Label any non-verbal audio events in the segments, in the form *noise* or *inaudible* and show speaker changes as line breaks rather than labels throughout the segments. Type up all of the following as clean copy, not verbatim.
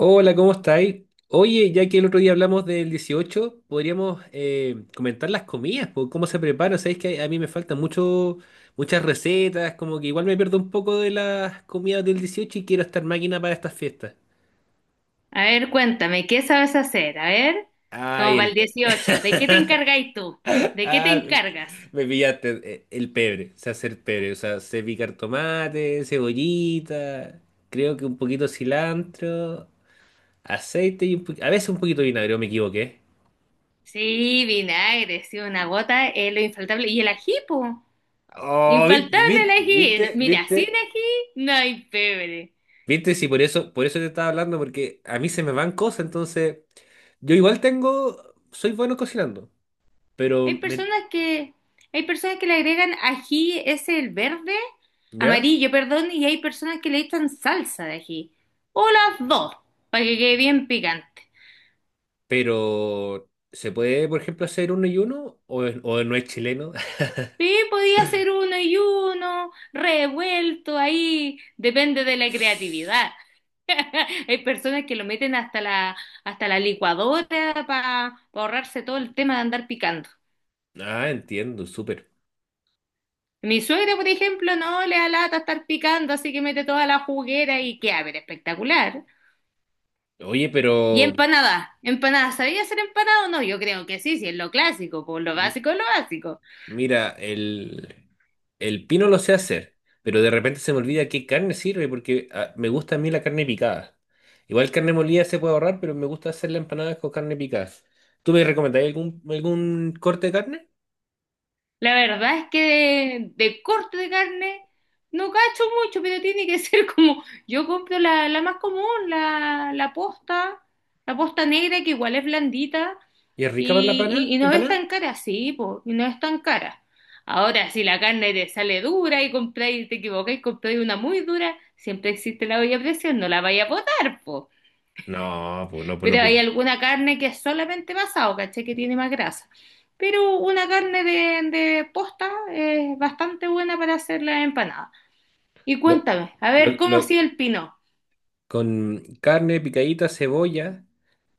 Hola, ¿cómo estáis? Oye, ya que el otro día hablamos del 18, podríamos comentar las comidas, po, cómo se preparan. Sabéis que a mí me faltan muchas recetas, como que igual me pierdo un poco de las comidas del 18 y quiero estar máquina para estas fiestas.
A ver, cuéntame, ¿qué sabes hacer? A ver, como
Ay,
para el
*laughs*
18, ¿de qué te encargáis tú? ¿De qué te
Ah,
encargas?
me pillaste, el pebre, se hace el pebre, o sea, sé picar tomate, cebollita, creo que un poquito de cilantro, aceite y a veces un poquito de vinagre, me equivoqué.
Sí, vinagre, sí, una gota es lo infaltable. ¿Y el ají, po?
Oh,
Infaltable el
viste,
ají. Mira,
viste,
sin ají no hay pebre.
viste, sí, por eso te estaba hablando, porque a mí se me van cosas, entonces yo igual soy bueno cocinando, pero
Hay
me,
personas que, hay personas que le agregan ají, es el verde,
¿ya?
amarillo, perdón, y hay personas que le echan salsa de ají. O las dos, para que quede bien picante.
Pero ¿se puede, por ejemplo, hacer uno y uno? ¿O no es chileno?
Sí,
*laughs*
podía hacer uno y uno, revuelto ahí, depende de la creatividad. Hay personas que lo meten hasta la licuadora para ahorrarse todo el tema de andar picando.
Ah, entiendo, súper.
Mi suegra, por ejemplo, no le da lata estar picando, así que mete toda la juguera y queda, pero espectacular.
Oye,
Y
pero
empanadas, empanadas, ¿sabía hacer empanadas o no? Yo creo que sí, si es lo clásico, por lo básico es lo básico.
mira, el pino lo sé hacer, pero de repente se me olvida qué carne sirve porque me gusta a mí la carne picada. Igual carne molida se puede ahorrar, pero me gusta hacer la empanada con carne picada. ¿Tú me recomendarías algún corte de carne?
La verdad es que de corte de carne no cacho mucho, pero tiene que *laughs* ser como, yo compro la más común, la posta negra que igual es blandita
¿Y es rica para la
y, y- y no es
empanada?
tan cara, sí, po, y no es tan cara. Ahora, si la carne te sale dura y compráis, te equivocáis, compráis una muy dura, siempre existe la olla a presión, no la vaya a botar, po.
No, pues no, pues no,
Pero
pues.
hay alguna carne que es solamente pasado, ¿cachai? Que tiene más grasa. Pero una carne de posta es bastante buena para hacer la empanada. Y
Lo-
cuéntame, a ver,
lo-
¿cómo ha
lo-
sido el pino?
con carne picadita, cebolla.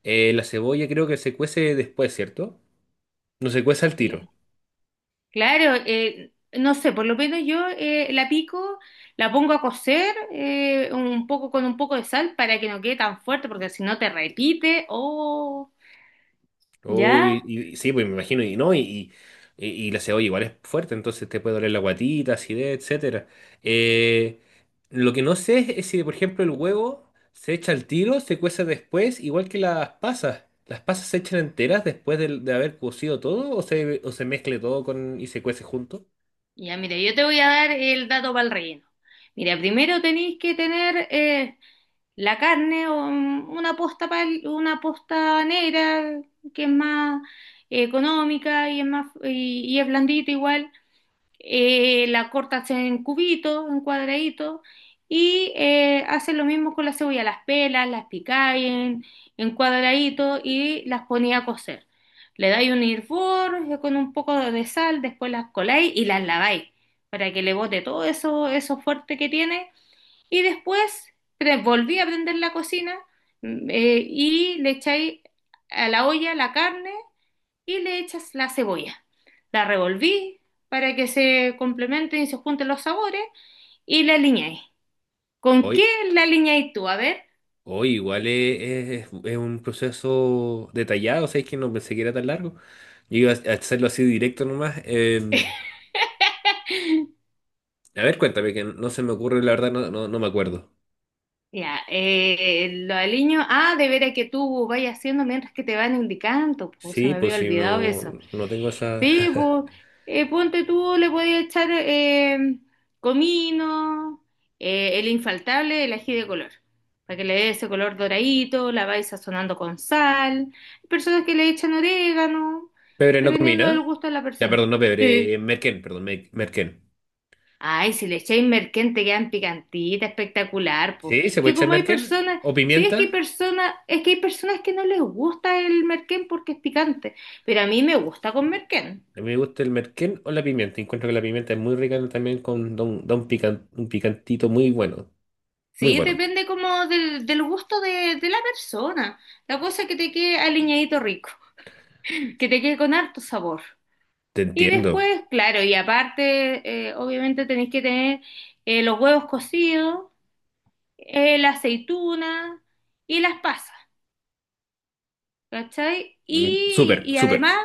La cebolla creo que se cuece después, ¿cierto? No se cuece al tiro.
Cla- Claro, no sé, por lo menos yo la pico, la pongo a cocer un poco con un poco de sal para que no quede tan fuerte, porque si no te repite. Oh, ya,
Uy, y sí, pues me imagino, y no, y la cebolla igual es fuerte, entonces te puede doler la guatita, acidez, etcétera. Eh, lo que no sé es si, por ejemplo, el huevo se echa al tiro, se cuece después, igual que las pasas. ¿Las pasas se echan enteras después de haber cocido todo o se mezcle todo con, y se cuece junto?
ya, mira, yo te voy a dar el dato para el relleno. Mira, primero tenéis que tener la carne o una posta, una posta negra que es más económica y es más y es blandito igual. La cortas en cubitos, en cuadraditos y haces lo mismo con la cebolla, las pelas, las picáis en cuadraditos y las ponía a cocer. Le dais un hervor con un poco de sal, después las coláis y las laváis para que le bote todo eso, eso fuerte que tiene y después volví a prender la cocina y le echáis a la olla la carne y le echas la cebolla. La revolví para que se complementen y se junten los sabores y la aliñáis. ¿Con qué
Hoy,
la aliñáis tú? A ver.
hoy, igual es un proceso detallado, o sea, es que no pensé que era tan largo. Yo iba a hacerlo así directo nomás.
*laughs*
A ver, cuéntame, que no se me ocurre, la verdad, no, no, no me acuerdo.
Ya, lo aliño. Ah, de veras que tú vayas haciendo mientras que te van indicando. Pues se
Sí,
me
pues
había
si
olvidado
no,
eso.
no tengo esa.
Sí,
*laughs*
pues, ponte tú, le podías echar comino, el infaltable, el ají de color, para que le dé ese color doradito, la vais sazonando con sal. Hay personas que le echan orégano,
Pebre no
dependiendo del
combina.
gusto de la
Ya,
persona.
perdón, no pebre,
Sí.
merquén, perdón, merquén.
Ay, si le echáis merquén te quedan picantitas, espectacular, pues.
Sí, se puede
Que
echar
como hay
merquén
personas,
o
sí es
pimienta.
que hay personas, es que hay personas que no les gusta el merquén porque es picante, pero a mí me gusta con merquén.
A mí me gusta el merquén o la pimienta. Encuentro que la pimienta es muy rica también con da un picantito muy bueno. Muy
Sí,
bueno.
depende como del, del gusto de la persona. La cosa es que te quede aliñadito rico, que te quede con harto sabor.
Te
Y
entiendo.
después, claro, y aparte, obviamente tenéis que tener los huevos cocidos, la aceituna y las pasas, ¿cachai?
Mm, súper,
Y
súper.
además,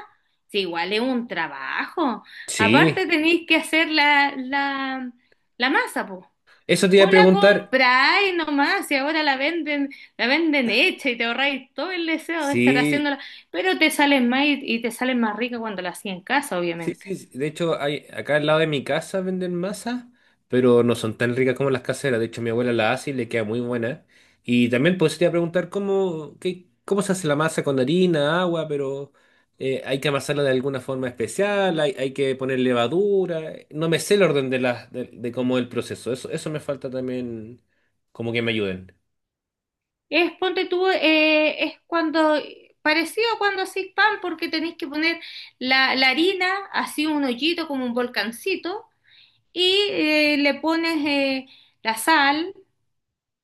sí, igual es un trabajo. Aparte
Sí.
tenéis que hacer la masa, po.
Eso te iba a
O la
preguntar.
compráis nomás y ahora la venden hecha y te ahorráis todo el deseo de estar
Sí.
haciéndola, pero te salen más y te salen más rica cuando la hacía en casa,
Sí,
obviamente.
sí, sí. De hecho, hay, acá al lado de mi casa venden masa, pero no son tan ricas como las caseras. De hecho, mi abuela la hace y le queda muy buena. Y también pues, te iba a preguntar cómo se hace la masa con harina, agua, pero hay que amasarla de alguna forma especial, hay que poner levadura. No me sé el orden de cómo es el proceso. Eso me falta también como que me ayuden.
Es, ponte tú, es cuando, parecido a cuando hacéis pan, porque tenéis que poner la harina, así un hoyito como un volcancito, y le pones la sal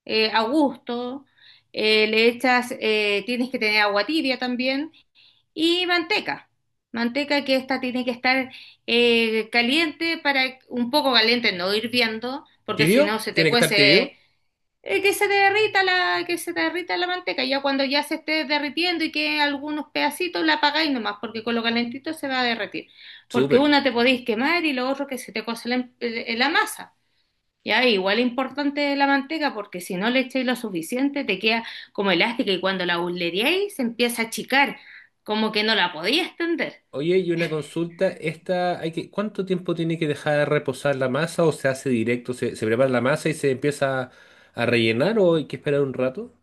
a gusto, le echas, tienes que tener agua tibia también y manteca. Manteca que esta tiene que estar caliente para un poco caliente, no hirviendo, porque si no
¿Tibio?
se te
¿Tiene que estar
cuece,
tibio?
que se te derrita la manteca. Ya cuando ya se esté derritiendo y que algunos pedacitos la apagáis nomás, porque con lo calentito se va a derretir. Porque
Súper.
una te podéis quemar y lo otro que se te cuece la masa. Ya, igual es importante la manteca porque si no le echáis lo suficiente te queda como elástica y cuando la burleríais se empieza a achicar, como que no la podía extender.
Oye, y una consulta, esta hay que, ¿cuánto tiempo tiene que dejar reposar la masa o se hace directo? ¿Se prepara la masa y se empieza a rellenar o hay que esperar un rato?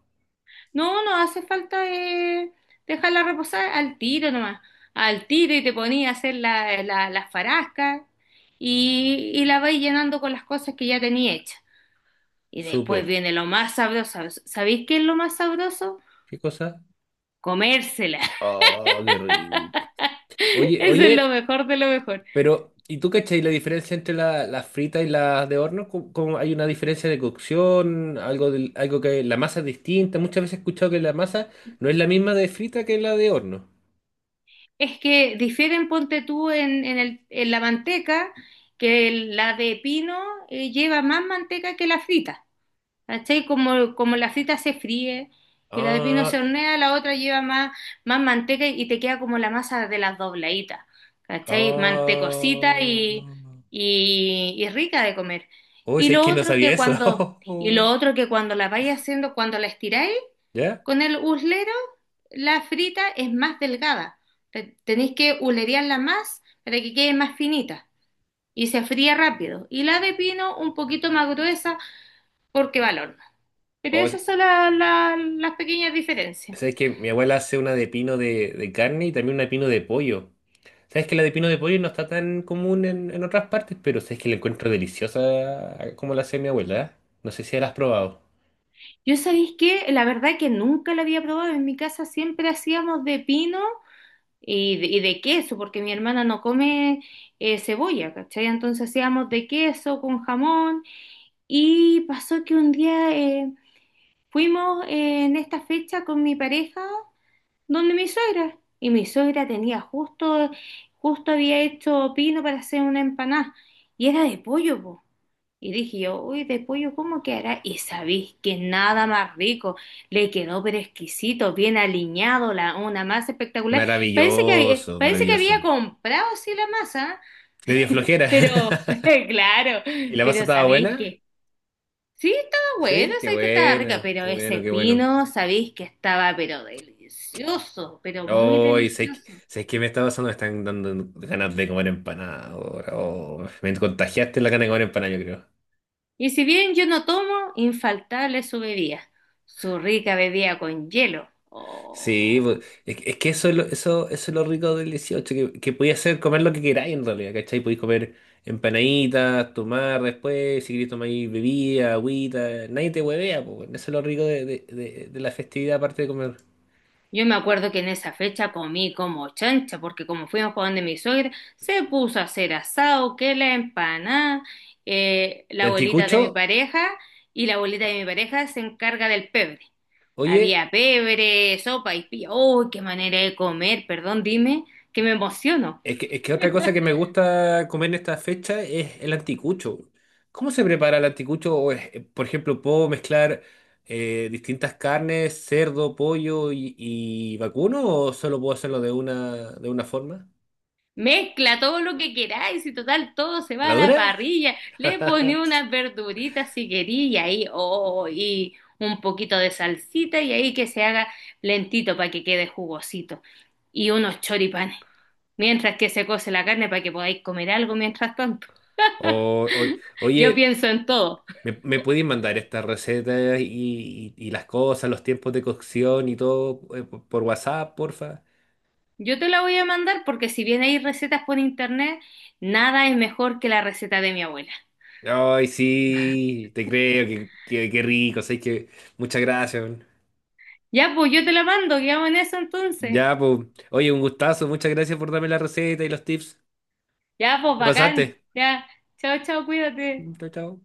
No, no hace falta dejarla reposar al tiro nomás, al tiro y te ponía a hacer las farascas y la vais llenando con las cosas que ya tenía hecha. Y
Súper.
después viene lo más sabroso. ¿Sabéis qué es lo más sabroso?
¿Qué cosa?
Comérsela.
Oh, qué rico.
*laughs*
Oye,
Eso es lo
oye,
mejor de lo mejor.
pero ¿y tú cachai la diferencia entre las fritas y las de horno? ¿Cómo hay una diferencia de cocción? Algo que la masa es distinta. Muchas veces he escuchado que la masa no es la misma de frita que la de horno.
Es que difieren, ponte tú, en la manteca, que la de pino lleva más manteca que la frita. ¿Cachai? Como, como la frita se fríe y la de pino
Ah,
se hornea, la otra lleva más, más manteca y te queda como la masa de las dobladitas. ¿Cachai? Mantecosita
ah.
y rica de comer.
Uy,
Y
¿sabes
lo
que no
otro
sabía
que cuando,
eso?
y lo
*laughs*
otro que cuando la vais haciendo, cuando la estiráis,
¿Ya?
con el uslero, la frita es más delgada. Tenéis que ulerearla más para que quede más finita y se fría rápido. Y la de pino un poquito más gruesa porque va al horno. Pero
O,
esas son las pequeñas diferencias.
¿sabes que mi abuela hace una de pino de carne y también una de pino de pollo? ¿Sabes que la de pino de pollo no está tan común en otras partes? Pero ¿sabes que la encuentro deliciosa como la hace mi abuela? ¿Eh? No sé si la has probado.
Yo sabéis que la verdad que nunca la había probado. En mi casa siempre hacíamos de pino y de queso porque mi hermana no come cebolla, ¿cachai? Entonces hacíamos de queso con jamón. Y pasó que un día fuimos en esta fecha con mi pareja donde mi suegra. Y mi suegra tenía justo había hecho pino para hacer una empanada. Y era de pollo, po. Y dije yo, uy, de pollo, ¿cómo quedará? Y sabéis que nada más rico. Le quedó pero exquisito, bien aliñado, la, una masa espectacular. Parece que, había-
Maravilloso,
parece que
maravilloso.
había comprado sí la masa, ¿ah?
Le dio flojera.
Pero *laughs* claro,
*laughs* ¿Y la pasta
pero
estaba
sabéis
buena?
que sí, estaba bueno,
Sí, qué
sé que estaba rica,
bueno,
pero
qué
ese
bueno, qué bueno.
pino, sabéis que estaba, pero delicioso, pero muy
Hoy, sé que,
delicioso.
sé que me está pasando, me están dando ganas de comer empanada ahora. Oh, me contagiaste la gana de comer empanada, yo creo.
Y si bien yo no tomo, infaltable su bebida, su rica bebida con hielo.
Sí,
Oh.
pues, es que eso es lo rico del 18, que podías hacer comer lo que queráis en realidad, ¿cachai? Podéis comer empanaditas, tomar después, si queréis tomar ahí bebida, agüita, nadie te huevea, pues, bueno, eso es lo rico de la festividad aparte de comer.
Yo me acuerdo que en esa fecha comí como chancha, porque como fuimos para donde mi suegra, se puso a hacer asado, que la empanada,
Y
la abuelita de mi
anticucho,
pareja, y la abuelita de mi pareja se encarga del pebre.
oye.
Había pebre, sopa y pilla. ¡Uy, qué manera de comer! Perdón, dime, que me emociono.
Es que otra cosa que me gusta comer en esta fecha es el anticucho. ¿Cómo se prepara el anticucho? O por ejemplo, ¿puedo mezclar distintas carnes, cerdo, pollo y vacuno? ¿O solo puedo hacerlo de una forma?
Mezcla todo lo que queráis y total todo se va
¿La
a la
dura?
parrilla. Le poní
*laughs*
unas verduritas si quería y ahí, oh, y un poquito de salsita y ahí que se haga lentito para que quede jugosito. Y unos choripanes. Mientras que se cose la carne para que podáis comer algo mientras tanto.
O,
Yo
oye,
pienso en todo.
¿me pueden mandar estas recetas y, y las cosas, los tiempos de cocción y todo por WhatsApp, porfa?
Yo te la voy a mandar porque si bien hay recetas por internet, nada es mejor que la receta de mi abuela.
Ay, sí, te creo, que rico, sé que muchas gracias.
Ya, pues yo te la mando, quedamos en eso entonces.
Ya, pues. Oye, un gustazo. Muchas gracias por darme la receta y los tips.
Ya, pues
Te
bacán.
pasaste.
Ya. Chao, chao, cuídate.
Chao, chao.